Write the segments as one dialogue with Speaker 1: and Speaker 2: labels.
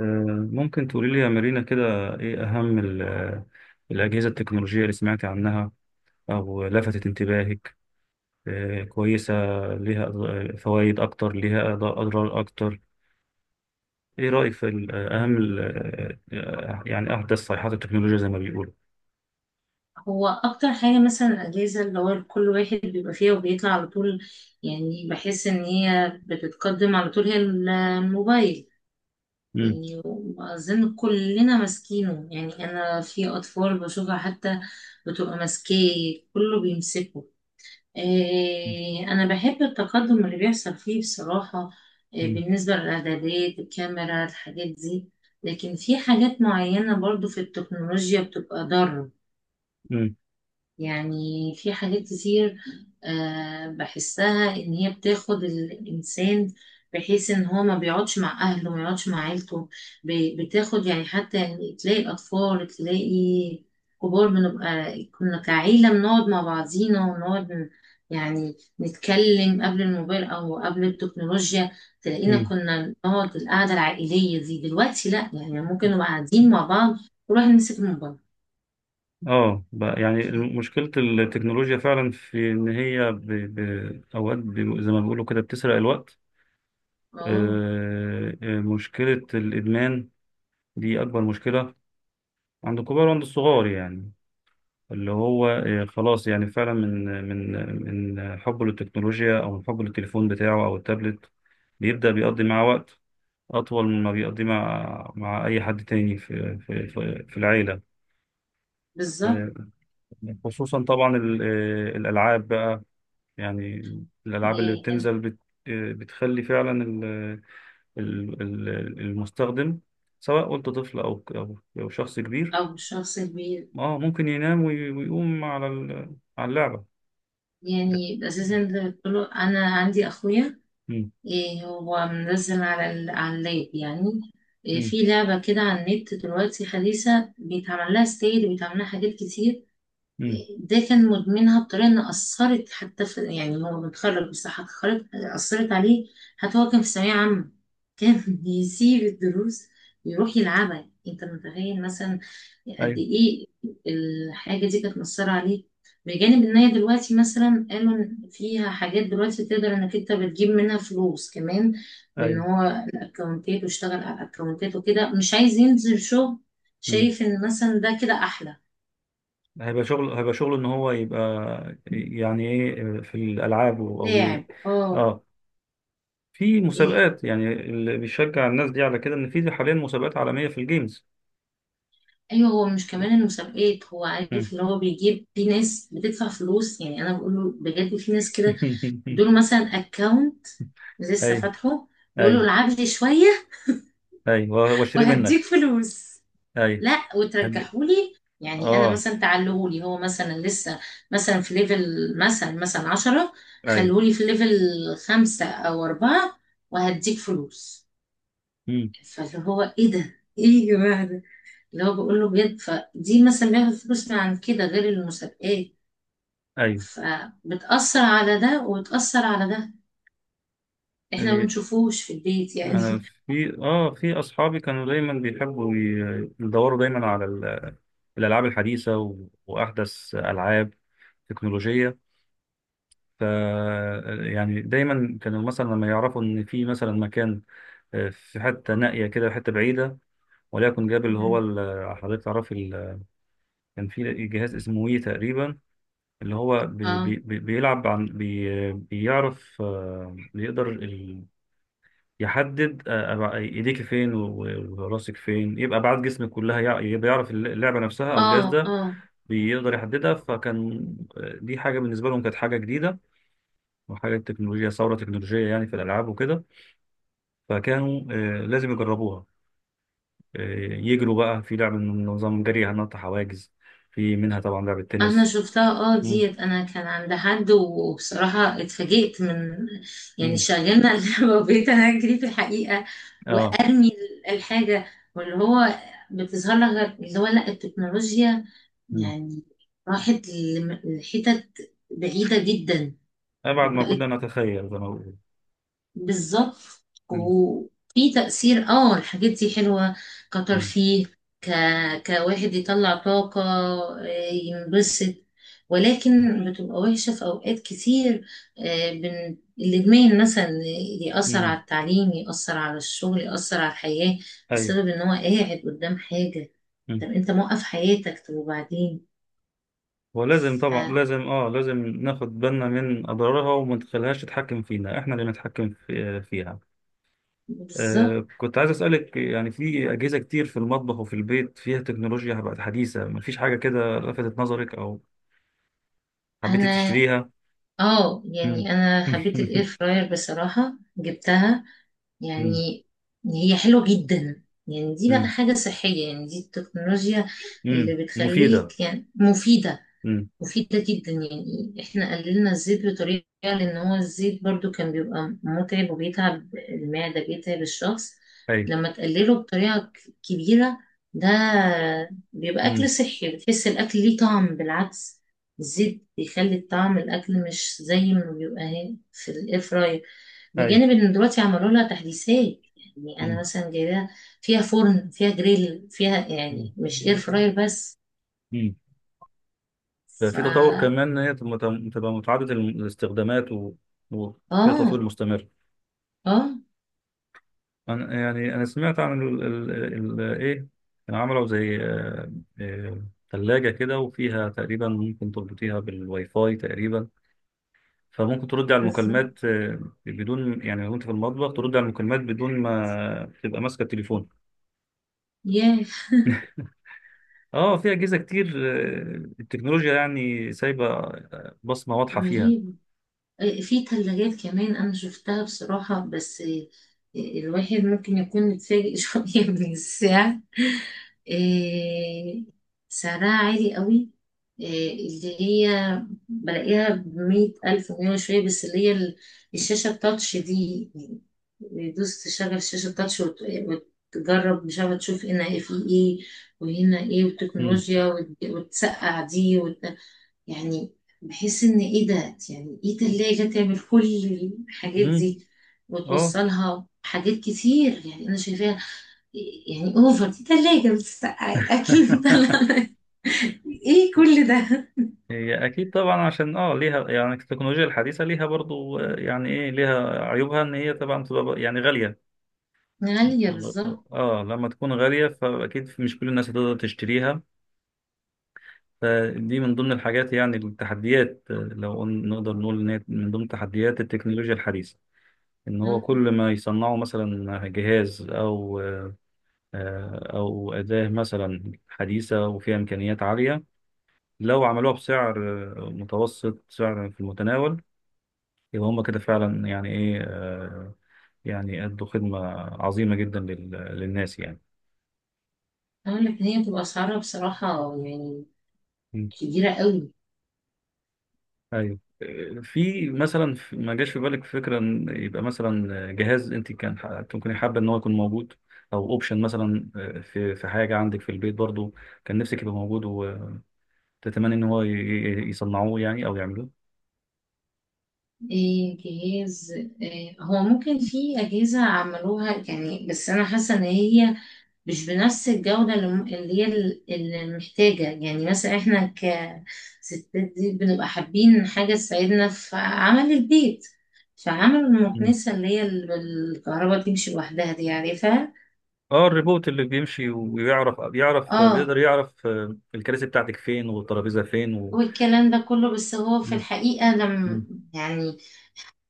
Speaker 1: آه، ممكن تقولي لي يا مارينا كده، إيه أهم الأجهزة التكنولوجية اللي سمعتي عنها أو لفتت انتباهك؟ كويسة، ليها فوائد أكتر ليها أضرار أكتر؟ إيه رأيك في أهم يعني أحدث صيحات التكنولوجيا زي ما بيقولوا؟
Speaker 2: هو اكتر حاجه مثلا الاجازه اللي هو كل واحد بيبقى فيها وبيطلع على طول. يعني بحس ان هي بتتقدم على طول، هي الموبايل.
Speaker 1: مم.
Speaker 2: يعني اظن كلنا ماسكينه، يعني انا في اطفال بشوفها حتى بتبقى ماسكاه، كله بيمسكه. إيه، انا بحب التقدم اللي بيحصل فيه بصراحه. إيه
Speaker 1: مم.
Speaker 2: بالنسبه للاعدادات الكاميرا الحاجات دي. لكن في حاجات معينه برضو في التكنولوجيا بتبقى ضاره.
Speaker 1: مم.
Speaker 2: يعني في حاجات كتير، بحسها إن هي بتاخد الإنسان، بحيث إن هو ما بيقعدش مع أهله ما يقعدش مع عيلته. بتاخد، يعني حتى يعني تلاقي أطفال، تلاقي كبار. بنبقى كنا كعيلة بنقعد مع بعضينا ونقعد يعني نتكلم قبل الموبايل أو قبل التكنولوجيا. تلاقينا
Speaker 1: مم.
Speaker 2: كنا نقعد القعدة العائلية دي، دلوقتي لأ. يعني ممكن نبقى قاعدين مع بعض ونروح نمسك الموبايل.
Speaker 1: بقى يعني مشكلة التكنولوجيا فعلا في إن هي أوقات زي ما بيقولوا كده بتسرق الوقت.
Speaker 2: اه،
Speaker 1: مشكلة الإدمان دي أكبر مشكلة عند الكبار وعند الصغار، يعني اللي هو خلاص، يعني فعلا من حبه للتكنولوجيا أو من حبه للتليفون بتاعه أو التابلت، بيبدأ بيقضي معاه وقت أطول مما بيقضي مع أي حد تاني في العيلة.
Speaker 2: بالظبط.
Speaker 1: آه، خصوصا طبعا الألعاب بقى، يعني الألعاب اللي
Speaker 2: يعني أنت
Speaker 1: بتنزل بت آه، بتخلي فعلا ال- ال- المستخدم، سواء قلت طفل أو شخص كبير،
Speaker 2: أو شخص كبير.
Speaker 1: اه ممكن ينام ويقوم على على اللعبة ده.
Speaker 2: يعني أساسا ده كله أنا عندي أخويا.
Speaker 1: مم.
Speaker 2: إيه، هو منزل على اللاب يعني. إيه،
Speaker 1: مم.
Speaker 2: في لعبة كده على النت دلوقتي حديثة، بيتعمل لها ستيل وبيتعمل لها حاجات كتير.
Speaker 1: مم.
Speaker 2: ده كان مدمنها بطريقة إن أثرت حتى في، يعني هو متخرج، بصحة اتخرج. أثرت عليه، حتى هو كان في ثانوية عامة. كان يسيب الدروس ويروح يلعبها. أنت متخيل مثلا قد
Speaker 1: ايوه.
Speaker 2: إيه الحاجة دي كانت مأثرة عليه؟ بجانب إن هي دلوقتي مثلا قالوا إن فيها حاجات دلوقتي تقدر إنك أنت بتجيب منها فلوس كمان، بإن
Speaker 1: ايوه.
Speaker 2: هو الأكونتات. واشتغل على الأكونتات وكده، مش عايز ينزل شغل.
Speaker 1: مم.
Speaker 2: شايف إن مثلا ده كده أحلى.
Speaker 1: هيبقى شغل، هيبقى شغل ان هو يبقى، يعني ايه، في الالعاب او
Speaker 2: لاعب، اه.
Speaker 1: اه، في
Speaker 2: إيه.
Speaker 1: مسابقات، يعني اللي بيشجع الناس دي على كده ان في حاليا مسابقات عالمية في الجيمز.
Speaker 2: ايوه، هو مش كمان المسابقات، هو
Speaker 1: مم.
Speaker 2: عارف ان هو بيجيب، في ناس بتدفع فلوس. يعني انا بقول له بجد في ناس كده، دول مثلا اكونت لسه
Speaker 1: ايوه.
Speaker 2: فاتحه. بيقول له
Speaker 1: ايوه.
Speaker 2: العب لي شويه
Speaker 1: ايوه واشتري منك.
Speaker 2: وهديك فلوس.
Speaker 1: ايوه.
Speaker 2: لا،
Speaker 1: هدي.
Speaker 2: وترجحولي. يعني انا
Speaker 1: اه.
Speaker 2: مثلا تعلهولي، هو مثلا لسه مثلا في ليفل مثلا عشرة،
Speaker 1: ايوه.
Speaker 2: خلولي في ليفل خمسة او اربعة وهديك فلوس.
Speaker 1: مم.
Speaker 2: فاللي هو، ايه ده؟ ايه يا جماعه؟ اللي هو بقول له بجد. فدي مثلا بياخد فلوس من عن كده غير المسابقات.
Speaker 1: ايوه.
Speaker 2: فبتأثر على ده وبتأثر على ده. احنا ما
Speaker 1: إيه.
Speaker 2: بنشوفوش في البيت يعني.
Speaker 1: انا، في في اصحابي كانوا دايما بيحبوا يدوروا دايما على الالعاب الحديثه، واحدث العاب تكنولوجيه، ف يعني دايما كانوا مثلا لما يعرفوا ان في مثلا مكان، في حته نائيه كده، حته بعيده، وليكن جاب اللي هو
Speaker 2: مم.
Speaker 1: حضرتك تعرف كان في جهاز اسمه وي تقريبا، اللي هو
Speaker 2: اه،
Speaker 1: بيلعب عن بيعرف، بيقدر يحدد ايديك فين وراسك فين، يبقى ابعاد جسمك كلها، يبقى يعرف اللعبه نفسها او الجهاز
Speaker 2: اه.
Speaker 1: ده
Speaker 2: اه،
Speaker 1: بيقدر يحددها. فكان دي حاجه بالنسبه لهم كانت حاجه جديده وحاجه تكنولوجيا، ثوره تكنولوجيه يعني في الالعاب وكده، فكانوا لازم يجربوها، آه، يجروا بقى في لعبه من نظام جري، هنط حواجز، في منها طبعا لعبه
Speaker 2: انا
Speaker 1: تنس.
Speaker 2: شفتها. اه،
Speaker 1: مم.
Speaker 2: ديت انا كان عند حد، وبصراحة اتفاجئت من، يعني
Speaker 1: مم.
Speaker 2: شغلنا اللعبة وبقيت انا اجري في الحقيقة
Speaker 1: اه.
Speaker 2: وارمي الحاجة. واللي هو بتظهر لك اللي هو، لا، التكنولوجيا
Speaker 1: مم.
Speaker 2: يعني راحت لحتت بعيدة جدا
Speaker 1: ابعد ما
Speaker 2: وبقت.
Speaker 1: كنا نتخيل زي ما بقول.
Speaker 2: بالظبط.
Speaker 1: مم.
Speaker 2: وفي تأثير، اه، الحاجات دي حلوة،
Speaker 1: مم.
Speaker 2: كترفيه، ك... كواحد يطلع طاقة، ينبسط. ولكن بتبقى وحشة في أوقات كتير. الإدمان مثلا يأثر
Speaker 1: مم.
Speaker 2: على التعليم، يأثر على الشغل، يأثر على الحياة،
Speaker 1: ايوه.
Speaker 2: بسبب إن هو قاعد قدام حاجة. طب أنت موقف حياتك؟ طب وبعدين؟
Speaker 1: ولازم طبعا،
Speaker 2: ف-
Speaker 1: لازم ناخد بالنا من اضرارها، وما نخليهاش تتحكم فينا، احنا اللي نتحكم فيها.
Speaker 2: بالظبط.
Speaker 1: كنت عايز اسالك، يعني في اجهزه كتير في المطبخ وفي البيت فيها تكنولوجيا بقت حديثه، مفيش حاجه كده لفتت نظرك او حبيتي
Speaker 2: أنا،
Speaker 1: تشتريها؟
Speaker 2: اه،
Speaker 1: مم.
Speaker 2: يعني انا حبيت الاير فراير بصراحة، جبتها.
Speaker 1: مم.
Speaker 2: يعني هي حلوة جدا. يعني دي بقى
Speaker 1: مم.
Speaker 2: حاجة صحية، يعني دي التكنولوجيا
Speaker 1: مم.
Speaker 2: اللي
Speaker 1: مفيده.
Speaker 2: بتخليك يعني مفيدة.
Speaker 1: مم.
Speaker 2: مفيدة جدا. يعني احنا قللنا الزيت بطريقة، لان هو الزيت برضو كان بيبقى متعب وبيتعب المعدة، بيتعب الشخص.
Speaker 1: ايوه.
Speaker 2: لما تقلله بطريقة كبيرة، ده بيبقى أكل
Speaker 1: مم.
Speaker 2: صحي. بتحس الأكل ليه طعم بالعكس. الزيت بيخلي الطعم الأكل مش زي ما بيبقى في الإير فراير.
Speaker 1: ايوه.
Speaker 2: بجانب إن دلوقتي عملوا لها تحديثات. يعني أنا
Speaker 1: مم.
Speaker 2: مثلا جايباها فيها فرن، فيها جريل، فيها
Speaker 1: مم.
Speaker 2: يعني مش إير فراير بس.
Speaker 1: مم. في
Speaker 2: فا،
Speaker 1: تطور كمان ان هي تبقى متعدده الاستخدامات، وفيها تطوير
Speaker 2: آه،
Speaker 1: مستمر.
Speaker 2: اه،
Speaker 1: أنا سمعت عن ال ال ال إيه كانوا عملوا زي تلاجة كده، وفيها تقريبا ممكن تربطيها بالواي فاي تقريبا، فممكن ترد على
Speaker 2: بالظبط.
Speaker 1: المكالمات، بدون، يعني لو أنت في المطبخ ترد على المكالمات بدون ما تبقى ماسكة التليفون.
Speaker 2: ياه،
Speaker 1: أه، في أجهزة كتير، التكنولوجيا يعني سايبة بصمة واضحة فيها.
Speaker 2: رهيب. في ثلاجات كمان انا شفتها بصراحة، بس الواحد ممكن يكون متفاجئ شوية من السعر. آه، سعرها عالي قوي. آه، اللي هي بلاقيها بمية ألف ومية وشوية. بس اللي هي الشاشة التاتش دي، دوس تشغل الشاشة التاتش وتجرب. مش عارفة، تشوف هنا فيه ايه وهنا ايه،
Speaker 1: امم.
Speaker 2: وتكنولوجيا وتسقع دي. يعني بحس ان ايه ده؟ يعني ايه تلاجة تعمل كل الحاجات
Speaker 1: امم.
Speaker 2: دي
Speaker 1: أه.
Speaker 2: وتوصلها حاجات كتير؟ يعني انا شايفاها، يعني اوفر، دي تلاجة بتسقع الاكل ايه كل ده؟
Speaker 1: هي اكيد طبعا، عشان ليها، يعني التكنولوجيا الحديثه ليها برضو يعني ايه، ليها عيوبها ان هي طبعا بتبقى يعني غاليه.
Speaker 2: غالية، بالظبط.
Speaker 1: اه، لما تكون غاليه فاكيد مش كل الناس هتقدر تشتريها، فدي من ضمن الحاجات، يعني التحديات، نقدر نقول ان هي من ضمن تحديات التكنولوجيا الحديثه، ان هو كل ما يصنعوا مثلا جهاز او آه، آه، او اداه مثلا حديثه وفيها امكانيات عاليه، لو عملوها بسعر متوسط، سعر في المتناول، يبقى هم كده فعلا يعني ايه، يعني ادوا خدمة عظيمة جدا للناس يعني.
Speaker 2: اقول لك ان هي بتبقى اسعارها بصراحة يعني
Speaker 1: مم.
Speaker 2: كبيرة قوي.
Speaker 1: ايوه. في مثلا ما جاش في بالك فكرة ان يبقى مثلا جهاز انت ممكن حابة ان هو يكون موجود، او اوبشن مثلا، في حاجة عندك في البيت برضو كان نفسك يبقى موجود، وتتمنى ان هو يصنعوه يعني او يعملوه.
Speaker 2: إيه جهاز؟ إيه، هو ممكن في أجهزة عملوها يعني، بس أنا حاسة إن هي مش بنفس الجودة اللي اللي هي اللي محتاجة. يعني مثلا احنا كستات دي بنبقى حابين حاجة تساعدنا في عمل البيت. فعمل
Speaker 1: مم.
Speaker 2: المكنسة اللي هي بالكهرباء تمشي لوحدها دي، عارفها.
Speaker 1: اه، الريبوت اللي بيمشي ويعرف،
Speaker 2: اه،
Speaker 1: بيقدر يعرف الكراسي بتاعتك فين والترابيزة فين
Speaker 2: والكلام ده كله. بس هو في الحقيقة لما
Speaker 1: مم.
Speaker 2: يعني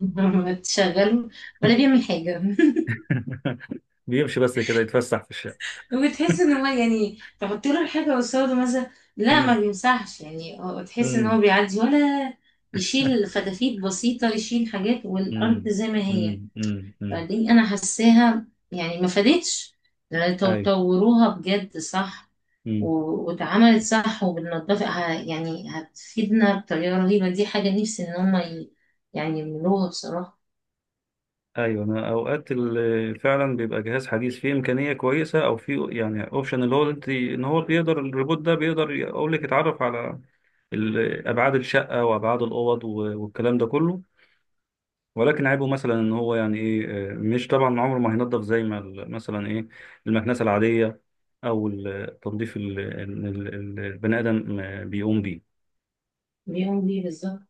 Speaker 2: لما تشغله ولا بيعمل حاجة.
Speaker 1: بيمشي بس كده يتفسح في الشارع.
Speaker 2: وبتحس ان هو يعني تحط له الحاجه قصاده مثلا، لا،
Speaker 1: مم.
Speaker 2: ما بيمسحش. يعني هو تحس ان
Speaker 1: مم.
Speaker 2: هو بيعدي ولا يشيل فتافيت بسيطه، يشيل حاجات والارض
Speaker 1: مم.
Speaker 2: زي ما هي.
Speaker 1: مم. مم. مم.
Speaker 2: فدي انا حاساها يعني ما فادتش. لأن
Speaker 1: ايوه.
Speaker 2: طوروها بجد صح،
Speaker 1: مم.
Speaker 2: واتعملت صح، وبالنظافه يعني هتفيدنا بطريقه رهيبه. دي حاجه نفسي ان هم يعني يعملوها بصراحه.
Speaker 1: ايوه، انا اوقات فعلا بيبقى جهاز حديث فيه امكانيه كويسه، او فيه يعني اوبشن، اللي هو اللي انت ان هو بيقدر الريبوت ده بيقدر يقول لك يتعرف على ابعاد الشقه وابعاد الاوض والكلام ده كله، ولكن عيبه مثلا ان هو يعني ايه، مش طبعا عمره ما هينضف زي ما مثلا ايه، المكنسه العاديه، او التنظيف البني ادم بيقوم بيه.
Speaker 2: بيقوم بيه، بالظبط.